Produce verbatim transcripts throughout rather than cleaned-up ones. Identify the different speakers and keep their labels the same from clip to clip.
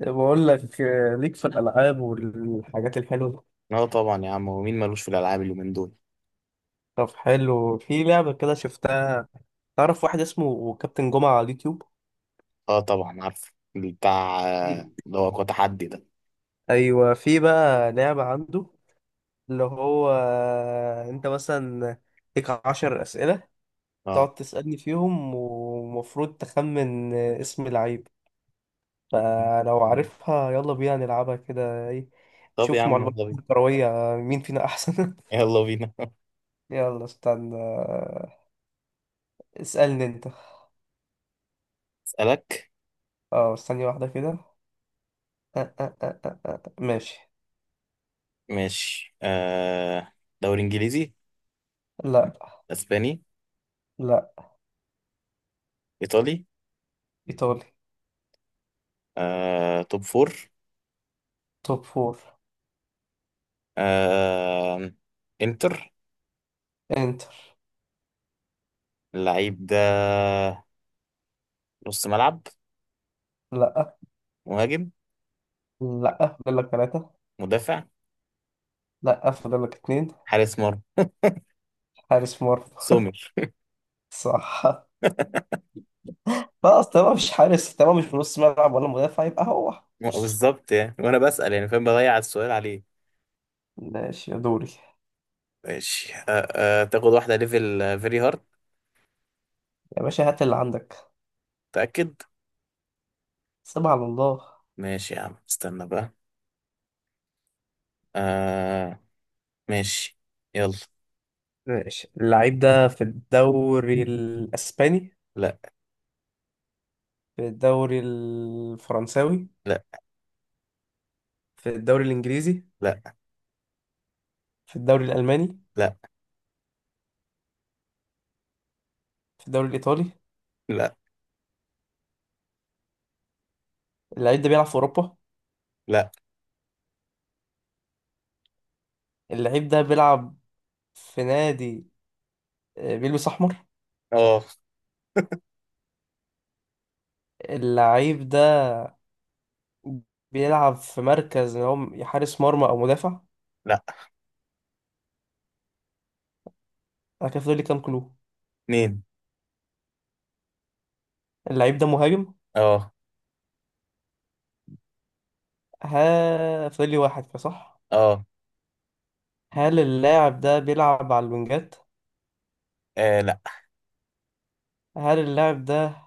Speaker 1: بقول لك آه، ليك في الألعاب والحاجات الحلوة.
Speaker 2: اه طبعا يا عم، ومين مالوش في الالعاب اليومين دول.
Speaker 1: طب حلو في لعبة كده شفتها. تعرف واحد اسمه كابتن جمعة على اليوتيوب.
Speaker 2: اه طبعا عارفه بتاع آه،
Speaker 1: في-
Speaker 2: اللي هو قوة تحدي ده.
Speaker 1: أيوة، في بقى لعبة عنده. اللي هو آه، أنت مثلا ليك عشر أسئلة.
Speaker 2: اه
Speaker 1: تقعد تسألني فيهم، ومفروض تخمن آه، اسم لعيب. فلو
Speaker 2: أيوة.
Speaker 1: عارفها يلا بينا نلعبها كده، إيه؟
Speaker 2: طب يا
Speaker 1: نشوف
Speaker 2: عم
Speaker 1: معلومات
Speaker 2: يلا بينا.
Speaker 1: كروية مين فينا أحسن.
Speaker 2: يلا بينا.
Speaker 1: يلا استنى آه، اسألني أنت.
Speaker 2: اسالك.
Speaker 1: اه، ثانية واحدة كده. آه، آه، آه، آه، آه. ماشي.
Speaker 2: ماشي آه. دوري انجليزي؟
Speaker 1: لا،
Speaker 2: اسباني؟
Speaker 1: لا.
Speaker 2: ايطالي؟
Speaker 1: إيطالي.
Speaker 2: آه توب فور.
Speaker 1: توب فور.
Speaker 2: آه انتر.
Speaker 1: إنتر.
Speaker 2: اللعيب ده نص ملعب؟
Speaker 1: لا.
Speaker 2: مهاجم؟
Speaker 1: لا، فاضل لك ثلاثة.
Speaker 2: مدافع؟
Speaker 1: لا، فاضل لك اتنين.
Speaker 2: حارس مرمى.
Speaker 1: حارس مرمى.
Speaker 2: سومر.
Speaker 1: صح. خلاص، تمام، مش حارس، تمام، مش في نص ملعب ولا مدافع، يبقى هو.
Speaker 2: بالظبط، يعني وانا بسال يعني فاهم بضيع السؤال عليه.
Speaker 1: ماشي يا دوري.
Speaker 2: ماشي أه. أه تاخد واحدة ليفل فيري هارد؟
Speaker 1: يا باشا، هات اللي عندك.
Speaker 2: متأكد؟
Speaker 1: سيبها على الله.
Speaker 2: ماشي يا عم، استنى بقى. أه. ماشي. يلا.
Speaker 1: ماشي. اللعيب ده في الدوري الأسباني؟
Speaker 2: لا.
Speaker 1: في الدوري الفرنساوي؟
Speaker 2: لا.
Speaker 1: في الدوري الإنجليزي؟
Speaker 2: لا.
Speaker 1: في الدوري الألماني؟
Speaker 2: لا.
Speaker 1: في الدوري الإيطالي؟
Speaker 2: لا.
Speaker 1: اللعيب ده بيلعب في اوروبا؟
Speaker 2: لا.
Speaker 1: اللعيب ده بيلعب في نادي آه، بيلبس احمر؟
Speaker 2: اه.
Speaker 1: اللعيب ده بيلعب في مركز اللي هو حارس مرمى او مدافع؟
Speaker 2: لا.
Speaker 1: انا كده فاضل لي كام كلو؟
Speaker 2: اتنين.
Speaker 1: اللعيب ده مهاجم؟
Speaker 2: اه.
Speaker 1: ها، فاضل لي واحد كده، صح؟
Speaker 2: اه.
Speaker 1: هل اللاعب ده بيلعب على الوينجات؟
Speaker 2: آه، لا.
Speaker 1: هل اللاعب ده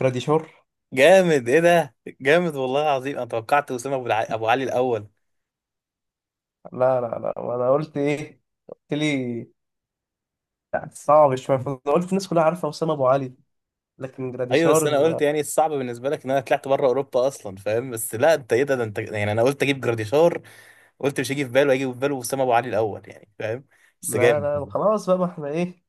Speaker 1: جراديشار؟
Speaker 2: جامد ايه ده. جامد والله العظيم، انا توقعت اسامه ابو الع- أبو علي الاول.
Speaker 1: لا، لا، لا. وانا قلت ايه؟ قلت لي يعني صعب شويه، فانا قلت الناس كلها عارفه اسامه ابو علي، لكن
Speaker 2: ايوه، بس انا قلت
Speaker 1: جراديشار.
Speaker 2: يعني الصعب بالنسبه لك ان انا طلعت بره اوروبا اصلا، فاهم؟ بس لا، انت ايه ده، ده انت يعني. انا قلت اجيب جراديشار. قلت مش هيجي في باله، هيجي في باله اسامه ابو علي الاول، يعني فاهم. بس
Speaker 1: لا، لا،
Speaker 2: جامد.
Speaker 1: خلاص بقى، ما احنا ايه.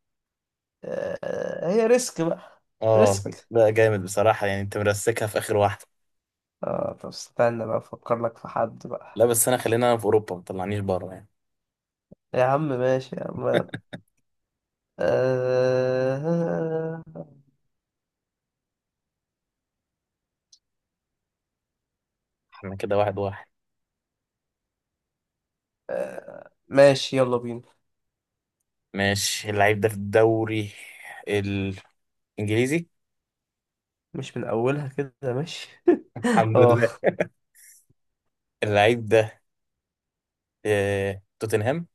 Speaker 1: آه، هي ريسك بقى.
Speaker 2: اه.
Speaker 1: ريسك.
Speaker 2: لا جامد بصراحة، يعني انت مرسكها في اخر واحدة.
Speaker 1: اه، طب استنى بقى افكر لك في حد
Speaker 2: لا
Speaker 1: بقى.
Speaker 2: بس انا، خلينا انا في اوروبا، ما طلعنيش بره يعني.
Speaker 1: يا عم ماشي يا عم. آه...
Speaker 2: انا كده واحد واحد.
Speaker 1: ماشي يلا بينا.
Speaker 2: ماشي اللعيب ده في الدوري الانجليزي.
Speaker 1: مش من اولها كده، ماشي.
Speaker 2: الحمد
Speaker 1: اه.
Speaker 2: لله. اللعيب ده في توتنهام؟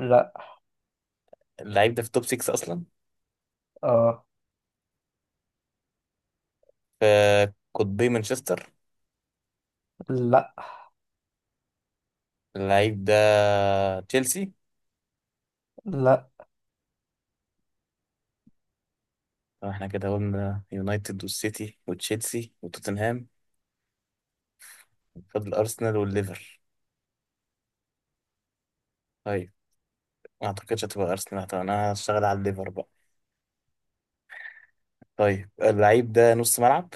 Speaker 1: لا.
Speaker 2: اللعيب ده في توب ستة اصلا؟
Speaker 1: اه.
Speaker 2: في قطبي مانشستر؟
Speaker 1: لا.
Speaker 2: اللعيب ده تشيلسي؟
Speaker 1: لا.
Speaker 2: طب احنا كده قلنا يونايتد والسيتي وتشيلسي وتوتنهام، فاضل ارسنال والليفر. طيب. ما اعتقدش هتبقى ارسنال، طب انا هشتغل على الليفر بقى. طيب، اللعيب ده نص ملعب؟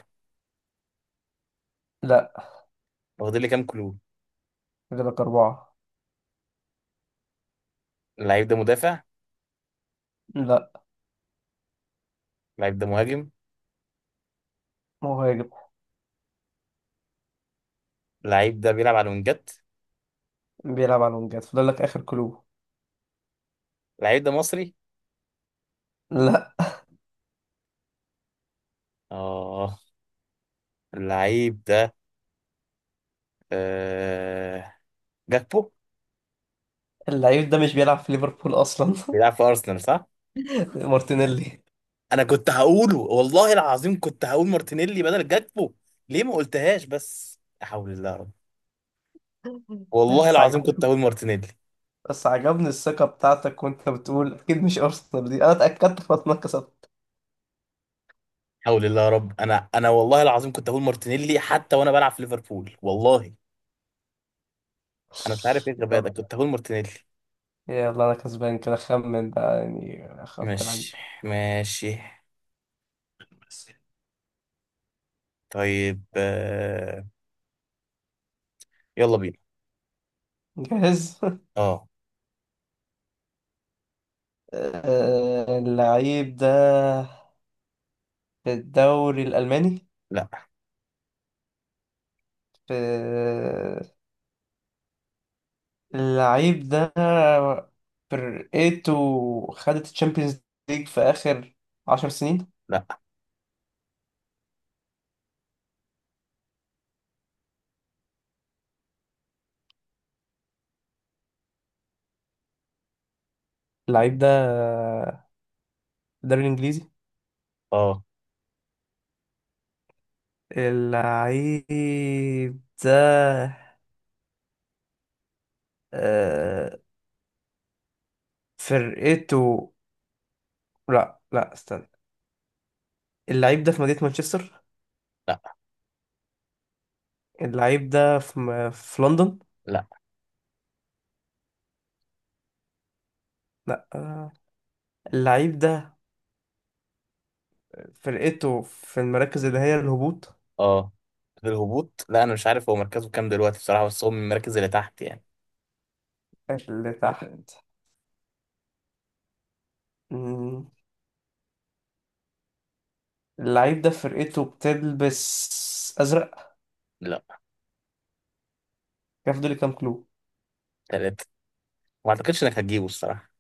Speaker 1: لا،
Speaker 2: واخدين لي كام كلو؟
Speaker 1: فاضل لك اربعة.
Speaker 2: اللعيب ده مدافع؟
Speaker 1: لا.
Speaker 2: اللعيب ده مهاجم؟
Speaker 1: مهاجم.
Speaker 2: اللعيب ده بيلعب على الوينجات؟
Speaker 1: بيلعب على الونجات، فاضل لك اخر كلو.
Speaker 2: اللعيب ده مصري؟
Speaker 1: لا.
Speaker 2: اه. اللعيب ده آه... جاكبو.
Speaker 1: اللعيب ده مش بيلعب في ليفربول اصلا.
Speaker 2: بيلعب في ارسنال صح؟
Speaker 1: مارتينيلي.
Speaker 2: انا كنت هقوله، والله العظيم كنت هقول مارتينيلي بدل جاكبو. ليه ما قلتهاش؟ بس لا حول الله يا رب. والله
Speaker 1: بس
Speaker 2: العظيم كنت
Speaker 1: عجب-
Speaker 2: هقول مارتينيلي.
Speaker 1: بس عجبني الثقة بتاعتك، وانت بتقول اكيد مش ارسنال. دي انا اتأكدت فانا كسبت.
Speaker 2: حول الله يا رب، انا انا والله العظيم كنت هقول مارتينيلي، حتى وانا بلعب في ليفربول والله. انا مش عارف ايه الغباء
Speaker 1: يلا.
Speaker 2: ده، كنت هقول مارتينيلي.
Speaker 1: يلا، انا كسبان كده، خمن بقى يعني اخاف لعيب.
Speaker 2: ماشي. ماشي. طيب آه، يلا بينا.
Speaker 1: جاهز.
Speaker 2: اه.
Speaker 1: آه، اللعيب ده في الدوري الألماني؟
Speaker 2: لا.
Speaker 1: في اللعيب ده فرقته خدت الشامبيونز ليج في آخر عشر سنين؟
Speaker 2: لا.
Speaker 1: اللعيب ده في الدوري الإنجليزي؟
Speaker 2: اه.
Speaker 1: اللعيب ده آه، فرقته، لا لا استنى. اللعيب ده في مدينة مانشستر؟
Speaker 2: لا.
Speaker 1: اللعيب ده في م... في لندن؟
Speaker 2: لا.
Speaker 1: لا. آه، اللعيب ده فرقته في المراكز اللي هي الهبوط؟
Speaker 2: اه. الهبوط، لا انا مش عارف هو مركزه كام دلوقتي بصراحة، بس هو من المراكز اللي تحت يعني.
Speaker 1: اللي تحت. مم، اللعيب ده فرقته بتلبس أزرق؟
Speaker 2: لا.
Speaker 1: كيف دول كام كلو؟
Speaker 2: تلاتة. ما اعتقدش انك هتجيبه الصراحة.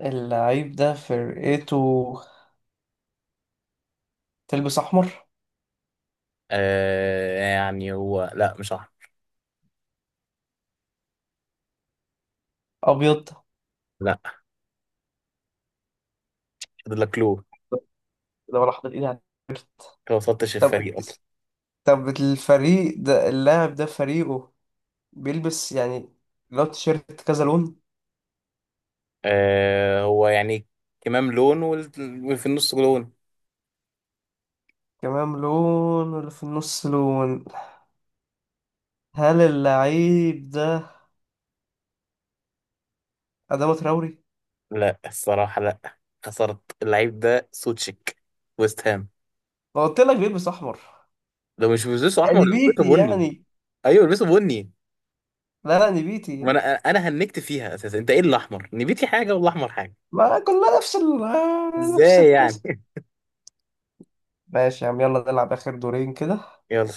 Speaker 1: اللعيب ده فرقته تلبس أحمر؟
Speaker 2: آه يعني هو، لا مش صح.
Speaker 1: أبيض؟
Speaker 2: لا، فاضل لك لون.
Speaker 1: طب، ده ولا حاطط إيدي على-
Speaker 2: انت ما وصلتش
Speaker 1: طب
Speaker 2: الفريق اصلا.
Speaker 1: طب الفريق ده اللاعب ده فريقه بيلبس يعني، لو تيشيرت كذا لون؟
Speaker 2: آه هو يعني كمام لون وال- وفي النص لون.
Speaker 1: كمان لون واللي في النص لون. هل اللعيب ده أدامة تراوري؟
Speaker 2: لا الصراحة لا. خسرت. اللعيب ده سوتشيك، ويست هام.
Speaker 1: ما قلت لك بيلبس أحمر.
Speaker 2: ده مش بيلبسوا احمر، ده
Speaker 1: نبيتي
Speaker 2: بيلبسوا بني.
Speaker 1: يعني.
Speaker 2: ايوه بيلبسوا بني.
Speaker 1: لا، لا،
Speaker 2: ما
Speaker 1: نبيتي.
Speaker 2: انا انا هنكت فيها اساسا، انت ايه؟ الاحمر نبيتي حاجه والاحمر حاجه.
Speaker 1: ما كلها نفس ال نفس
Speaker 2: ازاي
Speaker 1: القصة.
Speaker 2: يعني؟
Speaker 1: ماشي يا عم، يلا نلعب آخر دورين كده.
Speaker 2: يلا.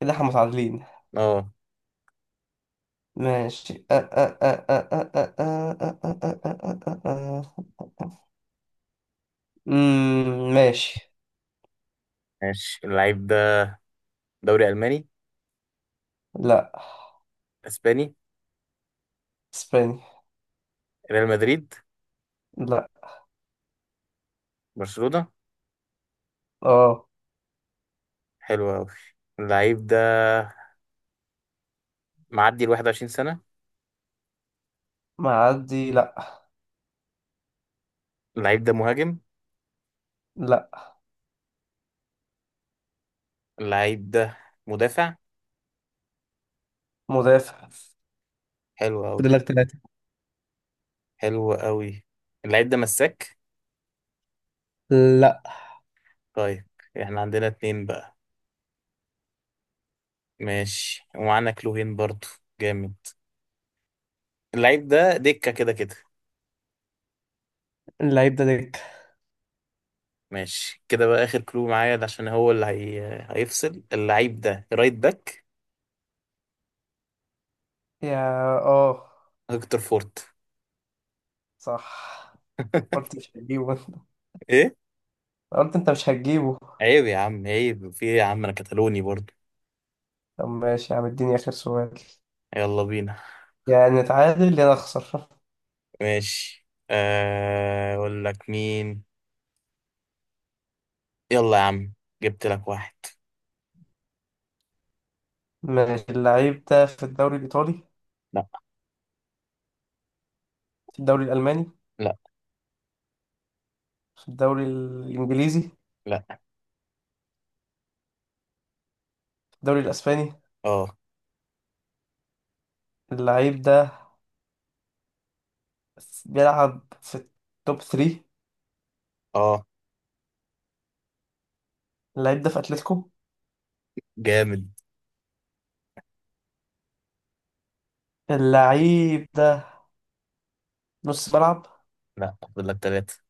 Speaker 1: كده احنا متعادلين.
Speaker 2: اه.
Speaker 1: ماشي. امم ماشي.
Speaker 2: ماشي اللعيب ده دوري الماني؟
Speaker 1: لا.
Speaker 2: اسباني؟
Speaker 1: اسباني.
Speaker 2: ريال مدريد؟
Speaker 1: لا.
Speaker 2: برشلونه؟
Speaker 1: اه.
Speaker 2: حلو قوي. اللعيب ده معدي ال واحد وعشرين سنه؟
Speaker 1: معدي؟ لا.
Speaker 2: اللعيب ده مهاجم؟
Speaker 1: لا.
Speaker 2: اللعيب ده مدافع؟
Speaker 1: مدافع.
Speaker 2: حلو قوي.
Speaker 1: فاضل لك ثلاثة.
Speaker 2: حلو قوي. اللعيب ده مساك؟
Speaker 1: لا.
Speaker 2: طيب. احنا عندنا اتنين بقى. ماشي، ومعانا كلوهين برضو. جامد. اللعيب ده دكه كده كده؟
Speaker 1: اللعيب ده دكة؟
Speaker 2: ماشي كده بقى، آخر كلو معايا ده عشان هو اللي هي... هيفصل. اللعيب ده رايت باك.
Speaker 1: يا. اه.
Speaker 2: هيكتور فورت.
Speaker 1: صح. قلت مش هتجيبه. انت؟
Speaker 2: ايه؟
Speaker 1: قلت انت مش هتجيبه.
Speaker 2: عيب يا عم، عيب في ايه يا عم، انا كتالوني برضو.
Speaker 1: طب ماشي يا عم، اديني اخر سؤال.
Speaker 2: يلا بينا.
Speaker 1: يعني نتعادل يا نخسر.
Speaker 2: ماشي آه، اقول لك مين. يلا يا عم، جبت لك واحد.
Speaker 1: ماشي. اللعيب ده في الدوري الايطالي؟
Speaker 2: لا.
Speaker 1: في الدوري الالماني؟
Speaker 2: لا.
Speaker 1: في الدوري الانجليزي؟ في
Speaker 2: لا.
Speaker 1: الدوري الاسباني؟
Speaker 2: اه.
Speaker 1: اللعيب ده بيلعب في التوب ثلاثة؟
Speaker 2: اه.
Speaker 1: اللعيب ده في اتلتيكو؟
Speaker 2: جامد.
Speaker 1: اللعيب ده نص ملعب؟
Speaker 2: لا فاضل لك ثلاثة.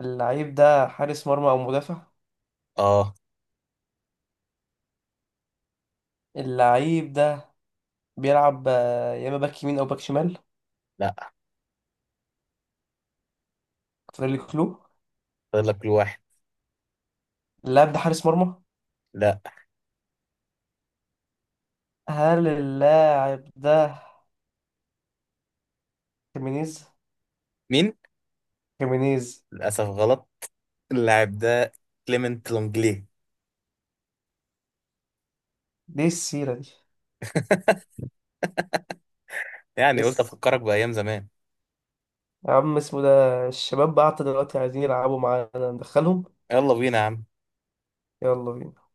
Speaker 1: اللعيب ده حارس مرمى او مدافع؟
Speaker 2: اه.
Speaker 1: اللعيب ده بيلعب آه، يا اما باك يمين او باك شمال؟
Speaker 2: لا
Speaker 1: فاضل لي كلو.
Speaker 2: فاضل لك الواحد.
Speaker 1: اللاعب ده حارس مرمى؟
Speaker 2: لا.
Speaker 1: هل اللاعب ده خيمينيز؟
Speaker 2: مين؟
Speaker 1: خيمينيز.
Speaker 2: للاسف غلط. اللاعب ده كليمنت لونجلي.
Speaker 1: ليه السيرة دي؟
Speaker 2: يعني قلت
Speaker 1: بس
Speaker 2: افكرك بايام زمان.
Speaker 1: يا عم، اسمه ده. الشباب بعت دلوقتي عايزين يلعبوا معانا، ندخلهم؟
Speaker 2: يلا بينا يا عم.
Speaker 1: يلا بينا.